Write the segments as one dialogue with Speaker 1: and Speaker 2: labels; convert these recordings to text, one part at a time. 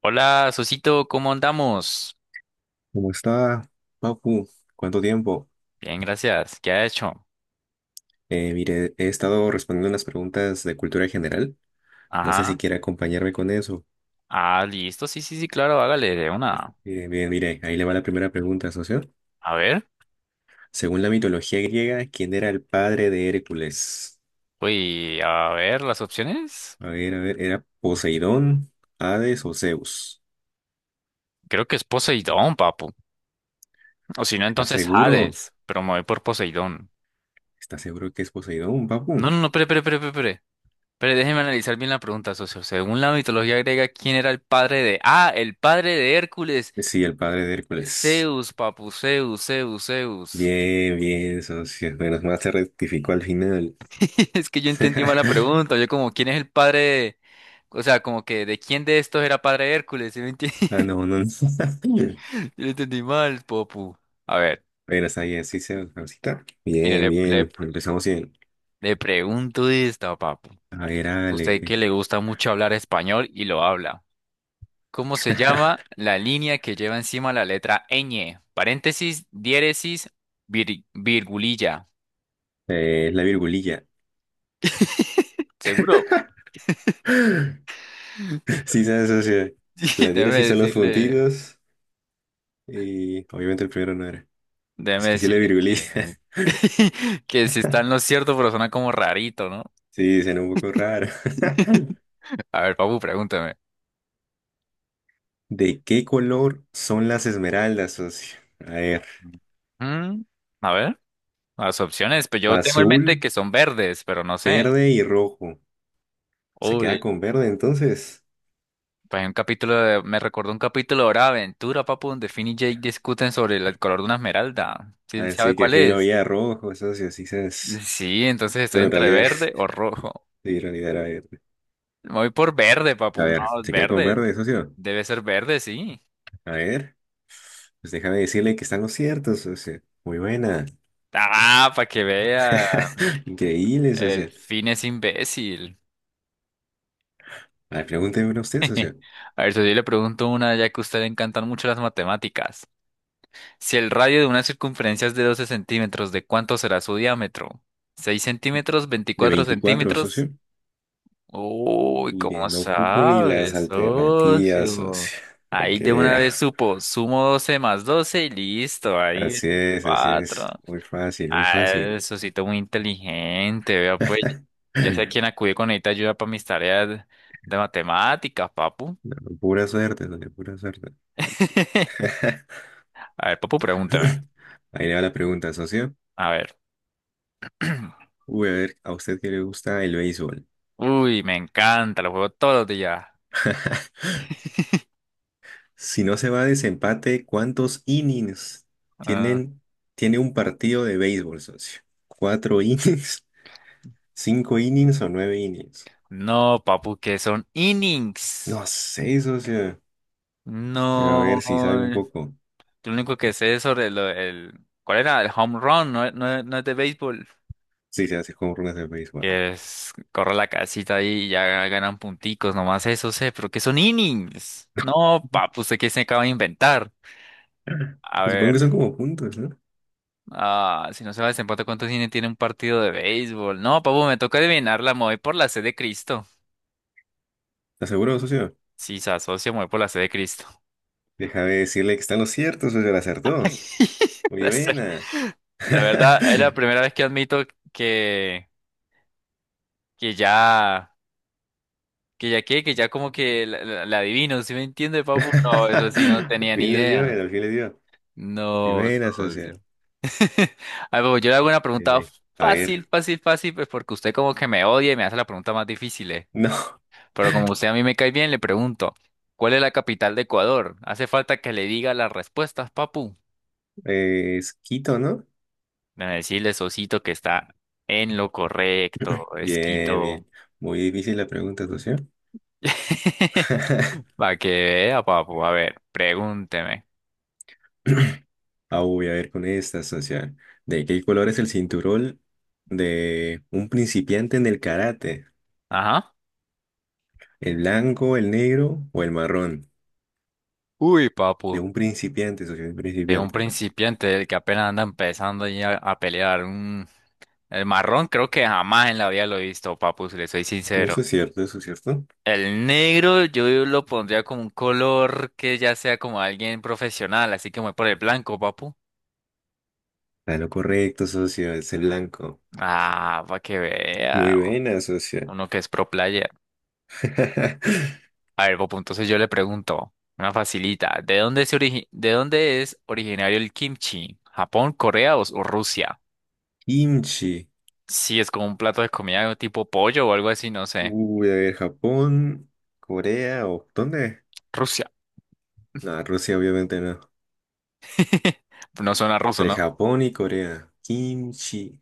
Speaker 1: Hola, Sosito, ¿cómo andamos?
Speaker 2: ¿Cómo está, Papu? ¿Cuánto tiempo?
Speaker 1: Bien, gracias. ¿Qué ha hecho?
Speaker 2: Mire, he estado respondiendo unas preguntas de cultura general. No sé si
Speaker 1: Ajá.
Speaker 2: quiere acompañarme con eso.
Speaker 1: Ah, listo. Sí, sí, sí, claro, hágale de una.
Speaker 2: Bien, mire, ahí le va la primera pregunta, socio.
Speaker 1: A ver.
Speaker 2: Según la mitología griega, ¿quién era el padre de Hércules?
Speaker 1: Uy, a ver, las opciones.
Speaker 2: A ver, ¿era Poseidón, Hades o Zeus?
Speaker 1: Creo que es Poseidón, papu. O si no,
Speaker 2: ¿Estás
Speaker 1: entonces
Speaker 2: seguro?
Speaker 1: Hades. Pero me voy por Poseidón.
Speaker 2: ¿Estás seguro que es Poseidón, Papu?
Speaker 1: No, no, no, pero. Pero déjeme analizar bien la pregunta, socio. Según la mitología griega, ¿quién era el padre de... Ah, el padre de Hércules.
Speaker 2: Sí, el padre de Hércules.
Speaker 1: Zeus, papu, Zeus, Zeus, Zeus.
Speaker 2: Bien, bien, socio. Menos mal se rectificó al final.
Speaker 1: Es que yo entendí mal la pregunta. Yo como, ¿quién es el padre de... O sea, como que, ¿de quién de estos era padre Hércules? ¿Sí me entiendes?
Speaker 2: Ah, no, no, no.
Speaker 1: Yo lo entendí mal, papu. A ver,
Speaker 2: Pero está bien, sí se ahorita.
Speaker 1: mire,
Speaker 2: Bien,
Speaker 1: le,
Speaker 2: bien.
Speaker 1: le,
Speaker 2: Empezamos bien.
Speaker 1: le pregunto esto, papu.
Speaker 2: A ver, hágale.
Speaker 1: Usted que le gusta mucho hablar español y lo habla. ¿Cómo se llama la línea que lleva encima la letra ñ? Paréntesis, diéresis, virgulilla.
Speaker 2: La virgulilla.
Speaker 1: ¿Seguro?
Speaker 2: Sí, se asocia. La
Speaker 1: Déjeme
Speaker 2: diéresis son los
Speaker 1: decirle,
Speaker 2: puntitos. Y obviamente el primero no era. Es
Speaker 1: déjeme
Speaker 2: que sí, la
Speaker 1: decirle
Speaker 2: virgulilla.
Speaker 1: que, que si está en lo cierto, pero suena como rarito, ¿no?
Speaker 2: Sí, suena un poco raro.
Speaker 1: A ver, Papu, pregúntame.
Speaker 2: ¿De qué color son las esmeraldas, socio? A ver,
Speaker 1: Mm, a ver, las opciones, pues yo tengo en mente
Speaker 2: azul,
Speaker 1: que son verdes, pero no sé.
Speaker 2: verde y rojo. ¿Se
Speaker 1: Uy,
Speaker 2: queda con verde entonces?
Speaker 1: pues hay un capítulo de- me recordó un capítulo de Hora de Aventura, Papu, donde Finn y Jake discuten sobre el color de una esmeralda. ¿Sí sabe
Speaker 2: Así que
Speaker 1: cuál
Speaker 2: fin lo
Speaker 1: es?
Speaker 2: veía rojo, socio, sí sabes.
Speaker 1: Sí, entonces estoy
Speaker 2: Pero en
Speaker 1: entre
Speaker 2: realidad era,
Speaker 1: verde o rojo.
Speaker 2: sí, en realidad era.
Speaker 1: Me voy por verde,
Speaker 2: A
Speaker 1: Papu. No,
Speaker 2: ver,
Speaker 1: es
Speaker 2: se queda con
Speaker 1: verde.
Speaker 2: verde, socio.
Speaker 1: Debe ser verde, sí.
Speaker 2: A ver, pues déjame decirle que están los ciertos, socio. Muy buena.
Speaker 1: Ah, para que vea.
Speaker 2: Increíble,
Speaker 1: El
Speaker 2: socio.
Speaker 1: Finn es imbécil.
Speaker 2: A ver, pregúnteme una usted, socio.
Speaker 1: A ver, si yo le pregunto una, ya que a usted le encantan mucho las matemáticas. Si el radio de una circunferencia es de 12 centímetros, ¿de cuánto será su diámetro? ¿6 centímetros?
Speaker 2: De
Speaker 1: ¿24
Speaker 2: 24,
Speaker 1: centímetros?
Speaker 2: socio.
Speaker 1: Uy,
Speaker 2: Mire,
Speaker 1: ¿cómo
Speaker 2: no ocupo ni las
Speaker 1: sabes,
Speaker 2: alternativas,
Speaker 1: socio?
Speaker 2: socio. Para
Speaker 1: Ahí
Speaker 2: que
Speaker 1: de una vez
Speaker 2: vea.
Speaker 1: supo, sumo 12 más 12 y listo, ahí
Speaker 2: Así es, así es.
Speaker 1: 4.
Speaker 2: Muy fácil, muy
Speaker 1: Ah,
Speaker 2: fácil.
Speaker 1: eso sí, muy inteligente, vea pues. Ya sé a quién acudir con esta ayuda para mis tareas de matemáticas, papu.
Speaker 2: No, pura suerte, socio, pura suerte.
Speaker 1: A ver, papu, pregúntame.
Speaker 2: Ahí le va la pregunta, socio.
Speaker 1: A ver.
Speaker 2: Uy, a ver, ¿a usted qué le gusta el béisbol?
Speaker 1: Uy, me encanta, lo juego todos los días.
Speaker 2: Si no se va a desempate, ¿cuántos innings
Speaker 1: Ah.
Speaker 2: tienen, tiene un partido de béisbol, socio? ¿Cuatro innings? ¿Cinco innings o nueve innings?
Speaker 1: No, papu, que son innings.
Speaker 2: No sé, socio. Pero a
Speaker 1: No.
Speaker 2: ver si sabe un poco.
Speaker 1: Lo único que sé es sobre lo- el... ¿Cuál era? El home run, no, no, no es de béisbol.
Speaker 2: Si se hace con runas de béisbol.
Speaker 1: Que es, corre la casita ahí y ya ganan punticos, nomás eso sé, pero que son innings. No, papu, ¿usted qué se acaba de inventar? A
Speaker 2: Supongo
Speaker 1: ver,
Speaker 2: que son como puntos, ¿no?
Speaker 1: ah, si no se va a desempate, ¿cuántos innings tiene un partido de béisbol? No, papu, me toca adivinarla, me voy por la C de Cristo.
Speaker 2: ¿Estás seguro, socio?
Speaker 1: Sí, se asocia, me voy por la C de Cristo.
Speaker 2: Déjame decirle que están los ciertos, socio. La acertó. Muy
Speaker 1: La C.
Speaker 2: buena.
Speaker 1: La verdad, es la primera vez que admito que, que ya, que ya qué, que ya como que la adivino, ¿sí me entiende, papu? No, eso sí no
Speaker 2: Al
Speaker 1: tenía ni
Speaker 2: fin le dio,
Speaker 1: idea.
Speaker 2: al fin le dio. Muy
Speaker 1: No,
Speaker 2: buena, socio.
Speaker 1: socio. A ver, papu, yo le hago una
Speaker 2: Muy
Speaker 1: pregunta
Speaker 2: bien. A ver.
Speaker 1: fácil, fácil, fácil, pues porque usted como que me odia y me hace la pregunta más difícil, eh.
Speaker 2: No.
Speaker 1: Pero como usted a mí me cae bien, le pregunto, ¿cuál es la capital de Ecuador? Hace falta que le diga las respuestas, papu.
Speaker 2: Es Quito, ¿no?
Speaker 1: Déjame decirle, Sosito, que está en lo correcto, es
Speaker 2: Bien,
Speaker 1: Quito.
Speaker 2: bien. Muy difícil la pregunta, socio.
Speaker 1: Para que vea, papu. A ver, pregúnteme.
Speaker 2: Ah, voy a ver con esta, socio. ¿De qué color es el cinturón de un principiante en el karate?
Speaker 1: Ajá.
Speaker 2: ¿El blanco, el negro o el marrón?
Speaker 1: Uy,
Speaker 2: De
Speaker 1: papu.
Speaker 2: un principiante, socio, de un
Speaker 1: De un
Speaker 2: principiante. ¿No?
Speaker 1: principiante del que apenas anda empezando ahí a pelear. Un... El marrón creo que jamás en la vida lo he visto, papu, si le soy
Speaker 2: No, eso
Speaker 1: sincero.
Speaker 2: es cierto, eso es cierto.
Speaker 1: El negro yo lo pondría como un color que ya sea como alguien profesional, así que me voy por el blanco, papu.
Speaker 2: Está lo correcto, socio, es el blanco.
Speaker 1: Ah, para que vea.
Speaker 2: Muy buena, socio.
Speaker 1: Uno que es pro player. A ver, Popo, entonces yo le pregunto, una facilita, ¿de dónde es originario el kimchi? ¿Japón, Corea o Rusia?
Speaker 2: Kimchi.
Speaker 1: Sí, es como un plato de comida tipo pollo o algo así, no sé.
Speaker 2: Uy, a ver, ¿Japón, Corea o dónde?
Speaker 1: Rusia.
Speaker 2: No, Rusia obviamente no.
Speaker 1: No suena ruso,
Speaker 2: Entre
Speaker 1: ¿no?
Speaker 2: Japón y Corea. Kimchi.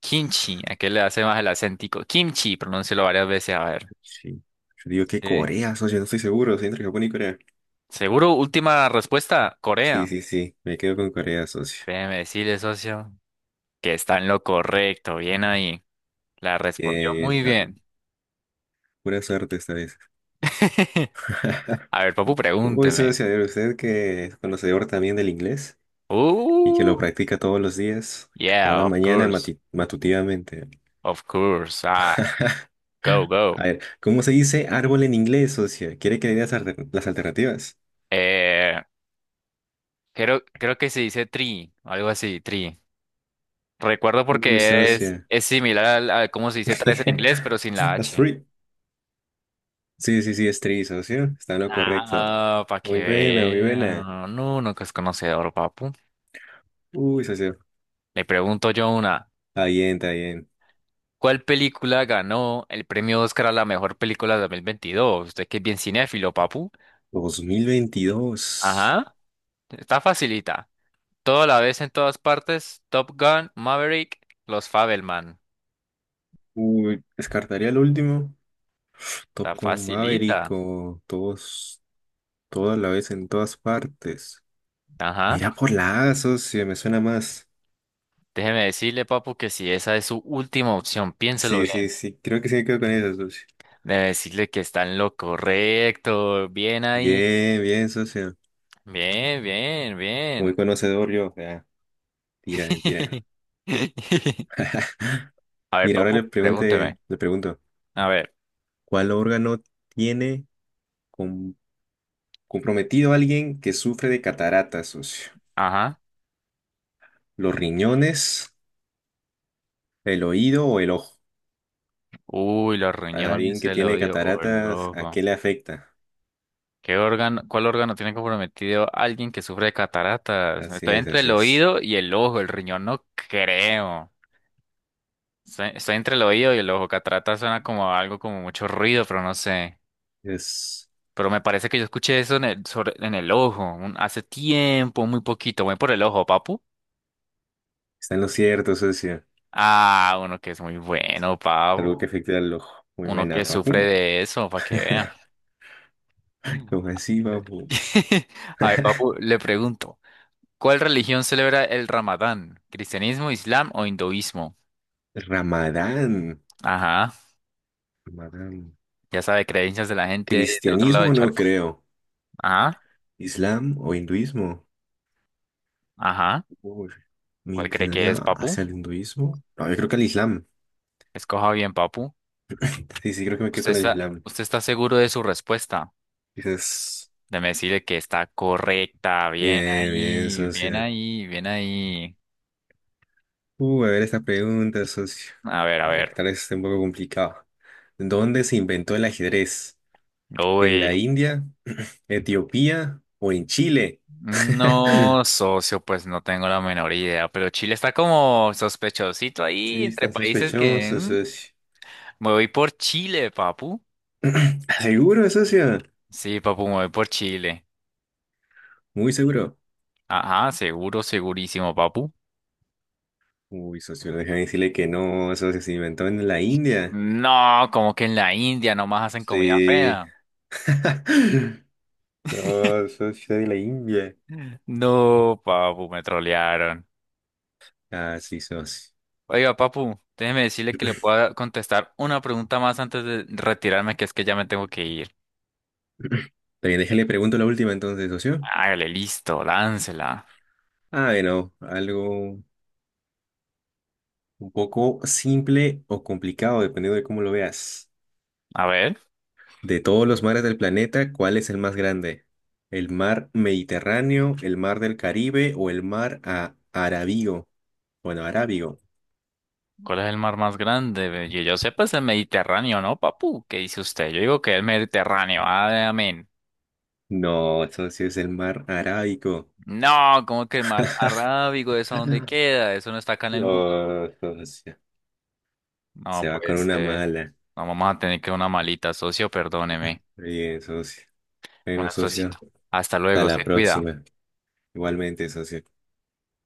Speaker 1: Kimchi, ¿a qué le hace más el acéntico? Kimchi, pronúncialo varias veces, a ver.
Speaker 2: Sí. Yo digo que
Speaker 1: Sí.
Speaker 2: Corea, socio, no estoy seguro. Sí, entre Japón y Corea.
Speaker 1: Seguro, última respuesta, Corea.
Speaker 2: Sí, sí, sí. Me quedo con Corea, socio.
Speaker 1: Déjeme decirle, socio, que está en lo correcto, bien ahí. La respondió
Speaker 2: Bien, bien.
Speaker 1: muy
Speaker 2: Ah,
Speaker 1: bien.
Speaker 2: pura suerte esta vez.
Speaker 1: A ver, Papu,
Speaker 2: Uy,
Speaker 1: pregúnteme.
Speaker 2: socio, a ver, usted que es conocedor también del inglés y que
Speaker 1: Uh.
Speaker 2: lo practica todos los días,
Speaker 1: Yeah,
Speaker 2: cada
Speaker 1: of
Speaker 2: mañana
Speaker 1: course,
Speaker 2: matutivamente.
Speaker 1: of course. Ah, go, go.
Speaker 2: A ver, ¿cómo se dice árbol en inglés, socio? ¿Quiere que le dé las, las alternativas?
Speaker 1: Eh, creo que se dice tree, algo así, tree. Recuerdo
Speaker 2: Uy,
Speaker 1: porque es,
Speaker 2: socio.
Speaker 1: es similar a, cómo se dice tres en inglés, pero sin la
Speaker 2: A
Speaker 1: H.
Speaker 2: tree. Sí, sí, sí, es tri, socio. Está en lo correcto.
Speaker 1: Ah, para que
Speaker 2: Muy buena, muy buena.
Speaker 1: vea. No, no que es conocedor, papu.
Speaker 2: Uy, socio.
Speaker 1: Le pregunto yo una.
Speaker 2: Está bien, está bien.
Speaker 1: ¿Cuál película ganó el premio Oscar a la mejor película de 2022? Usted que es bien cinéfilo, papu.
Speaker 2: 2022.
Speaker 1: Ajá, está facilita. Todo a la vez en todas partes. Top Gun, Maverick, los Fabelman.
Speaker 2: Uy, descartaría el último.
Speaker 1: Está
Speaker 2: Tocó un Maverick
Speaker 1: facilita.
Speaker 2: todos, toda la vez en todas partes.
Speaker 1: Ajá.
Speaker 2: Mira por la A, socio, me suena más.
Speaker 1: Déjeme decirle, papu, que si esa es su última opción, piénselo
Speaker 2: Sí, sí,
Speaker 1: bien.
Speaker 2: sí, creo que sí me quedo con eso, socio.
Speaker 1: Debe decirle que está en lo correcto. Bien ahí.
Speaker 2: Bien, bien, socio.
Speaker 1: Bien, bien,
Speaker 2: Muy
Speaker 1: bien.
Speaker 2: conocedor yo. O sea, tira, mentira.
Speaker 1: A ver,
Speaker 2: Mira, ahora
Speaker 1: papu,
Speaker 2: le
Speaker 1: pregúnteme.
Speaker 2: pregunte, le pregunto,
Speaker 1: A ver.
Speaker 2: ¿cuál órgano tiene comprometido a alguien que sufre de cataratas, socio?
Speaker 1: Ajá.
Speaker 2: Los riñones, el oído o el ojo.
Speaker 1: Uy, los
Speaker 2: A
Speaker 1: riñones
Speaker 2: alguien que
Speaker 1: se lo
Speaker 2: tiene
Speaker 1: dio. Oh,
Speaker 2: cataratas, ¿a qué
Speaker 1: loco.
Speaker 2: le afecta?
Speaker 1: ¿Qué órgano, cuál órgano tiene comprometido alguien que sufre de cataratas?
Speaker 2: Así
Speaker 1: Estoy
Speaker 2: es,
Speaker 1: entre
Speaker 2: así
Speaker 1: el
Speaker 2: es.
Speaker 1: oído y el ojo, el riñón no creo. Estoy entre el oído y el ojo. Cataratas suena como algo como mucho ruido, pero no sé.
Speaker 2: Es,
Speaker 1: Pero me parece que yo escuché eso en el ojo, hace tiempo, muy poquito. Voy por el ojo, papu.
Speaker 2: está en lo cierto, socio.
Speaker 1: Ah, uno que es muy bueno, papu.
Speaker 2: Algo que afecta al ojo. Muy
Speaker 1: Uno que
Speaker 2: buena,
Speaker 1: sufre
Speaker 2: papu.
Speaker 1: de eso, para que vean.
Speaker 2: Lo así, papu.
Speaker 1: A ver, papu, le pregunto, ¿cuál religión celebra el Ramadán? ¿Cristianismo, Islam o hinduismo?
Speaker 2: Ramadán.
Speaker 1: Ajá,
Speaker 2: Ramadán.
Speaker 1: ya sabe, creencias de la gente del otro lado del
Speaker 2: Cristianismo no
Speaker 1: charco.
Speaker 2: creo.
Speaker 1: Ajá,
Speaker 2: ¿Islam o hinduismo?
Speaker 1: ajá.
Speaker 2: Uy, me
Speaker 1: ¿Cuál cree que
Speaker 2: inclinaría
Speaker 1: es, Papu?
Speaker 2: hacia el hinduismo. No, yo creo que al Islam.
Speaker 1: Escoja bien, Papu.
Speaker 2: Sí, sí, creo que me quedo
Speaker 1: ¿Usted
Speaker 2: con el
Speaker 1: está,
Speaker 2: Islam.
Speaker 1: usted está seguro de su respuesta?
Speaker 2: Quizás.
Speaker 1: Déjeme decirle que está correcta. Bien
Speaker 2: Bien, bien,
Speaker 1: ahí, bien
Speaker 2: socio.
Speaker 1: ahí, bien ahí.
Speaker 2: A ver esta pregunta, socio.
Speaker 1: A ver, a
Speaker 2: A ver,
Speaker 1: ver.
Speaker 2: tal vez esté un poco complicado. ¿Dónde se inventó el ajedrez? ¿En la
Speaker 1: Uy.
Speaker 2: India, Etiopía o en Chile?
Speaker 1: No, socio, pues no tengo la menor idea, pero Chile está como sospechosito ahí
Speaker 2: Sí,
Speaker 1: entre
Speaker 2: está
Speaker 1: países que...
Speaker 2: sospechoso,
Speaker 1: mm,
Speaker 2: socio.
Speaker 1: me voy por Chile, Papu.
Speaker 2: ¿Seguro, socio?
Speaker 1: Sí, Papu, me voy por Chile.
Speaker 2: Muy seguro.
Speaker 1: Ajá, seguro, segurísimo, papu.
Speaker 2: Uy, socio, déjame decirle que no, socio, se inventó en la India.
Speaker 1: No, como que en la India nomás hacen comida
Speaker 2: Sí.
Speaker 1: fea.
Speaker 2: No, socio, de la India.
Speaker 1: No, papu, me trolearon.
Speaker 2: Ah, sí, socio.
Speaker 1: Oiga, papu, déjeme decirle que le pueda contestar una pregunta más antes de retirarme, que es que ya me tengo que ir.
Speaker 2: También déjale pregunto la última entonces, socio.
Speaker 1: Hágale, listo, láncela.
Speaker 2: I know, algo un poco simple o complicado, dependiendo de cómo lo veas.
Speaker 1: A ver,
Speaker 2: De todos los mares del planeta, ¿cuál es el más grande? ¿El mar Mediterráneo, el mar del Caribe o el mar a Arábigo? Bueno, Arábigo.
Speaker 1: ¿cuál es el mar más grande? Yo sé, pues el Mediterráneo, ¿no, papu? ¿Qué dice usted? Yo digo que el Mediterráneo. Amén.
Speaker 2: No, eso sí es el mar Arábico.
Speaker 1: No, ¿como que el mar Arábigo? ¿Eso dónde
Speaker 2: Ah.
Speaker 1: queda? Eso no está acá en el mundo.
Speaker 2: No, socio.
Speaker 1: No,
Speaker 2: Se va con
Speaker 1: pues,
Speaker 2: una mala.
Speaker 1: no, vamos a tener que una malita, socio, perdóneme.
Speaker 2: Bien, socio. Bueno,
Speaker 1: Bueno,
Speaker 2: socio.
Speaker 1: socito. Hasta
Speaker 2: Hasta
Speaker 1: luego,
Speaker 2: la
Speaker 1: se cuida.
Speaker 2: próxima. Igualmente, socio.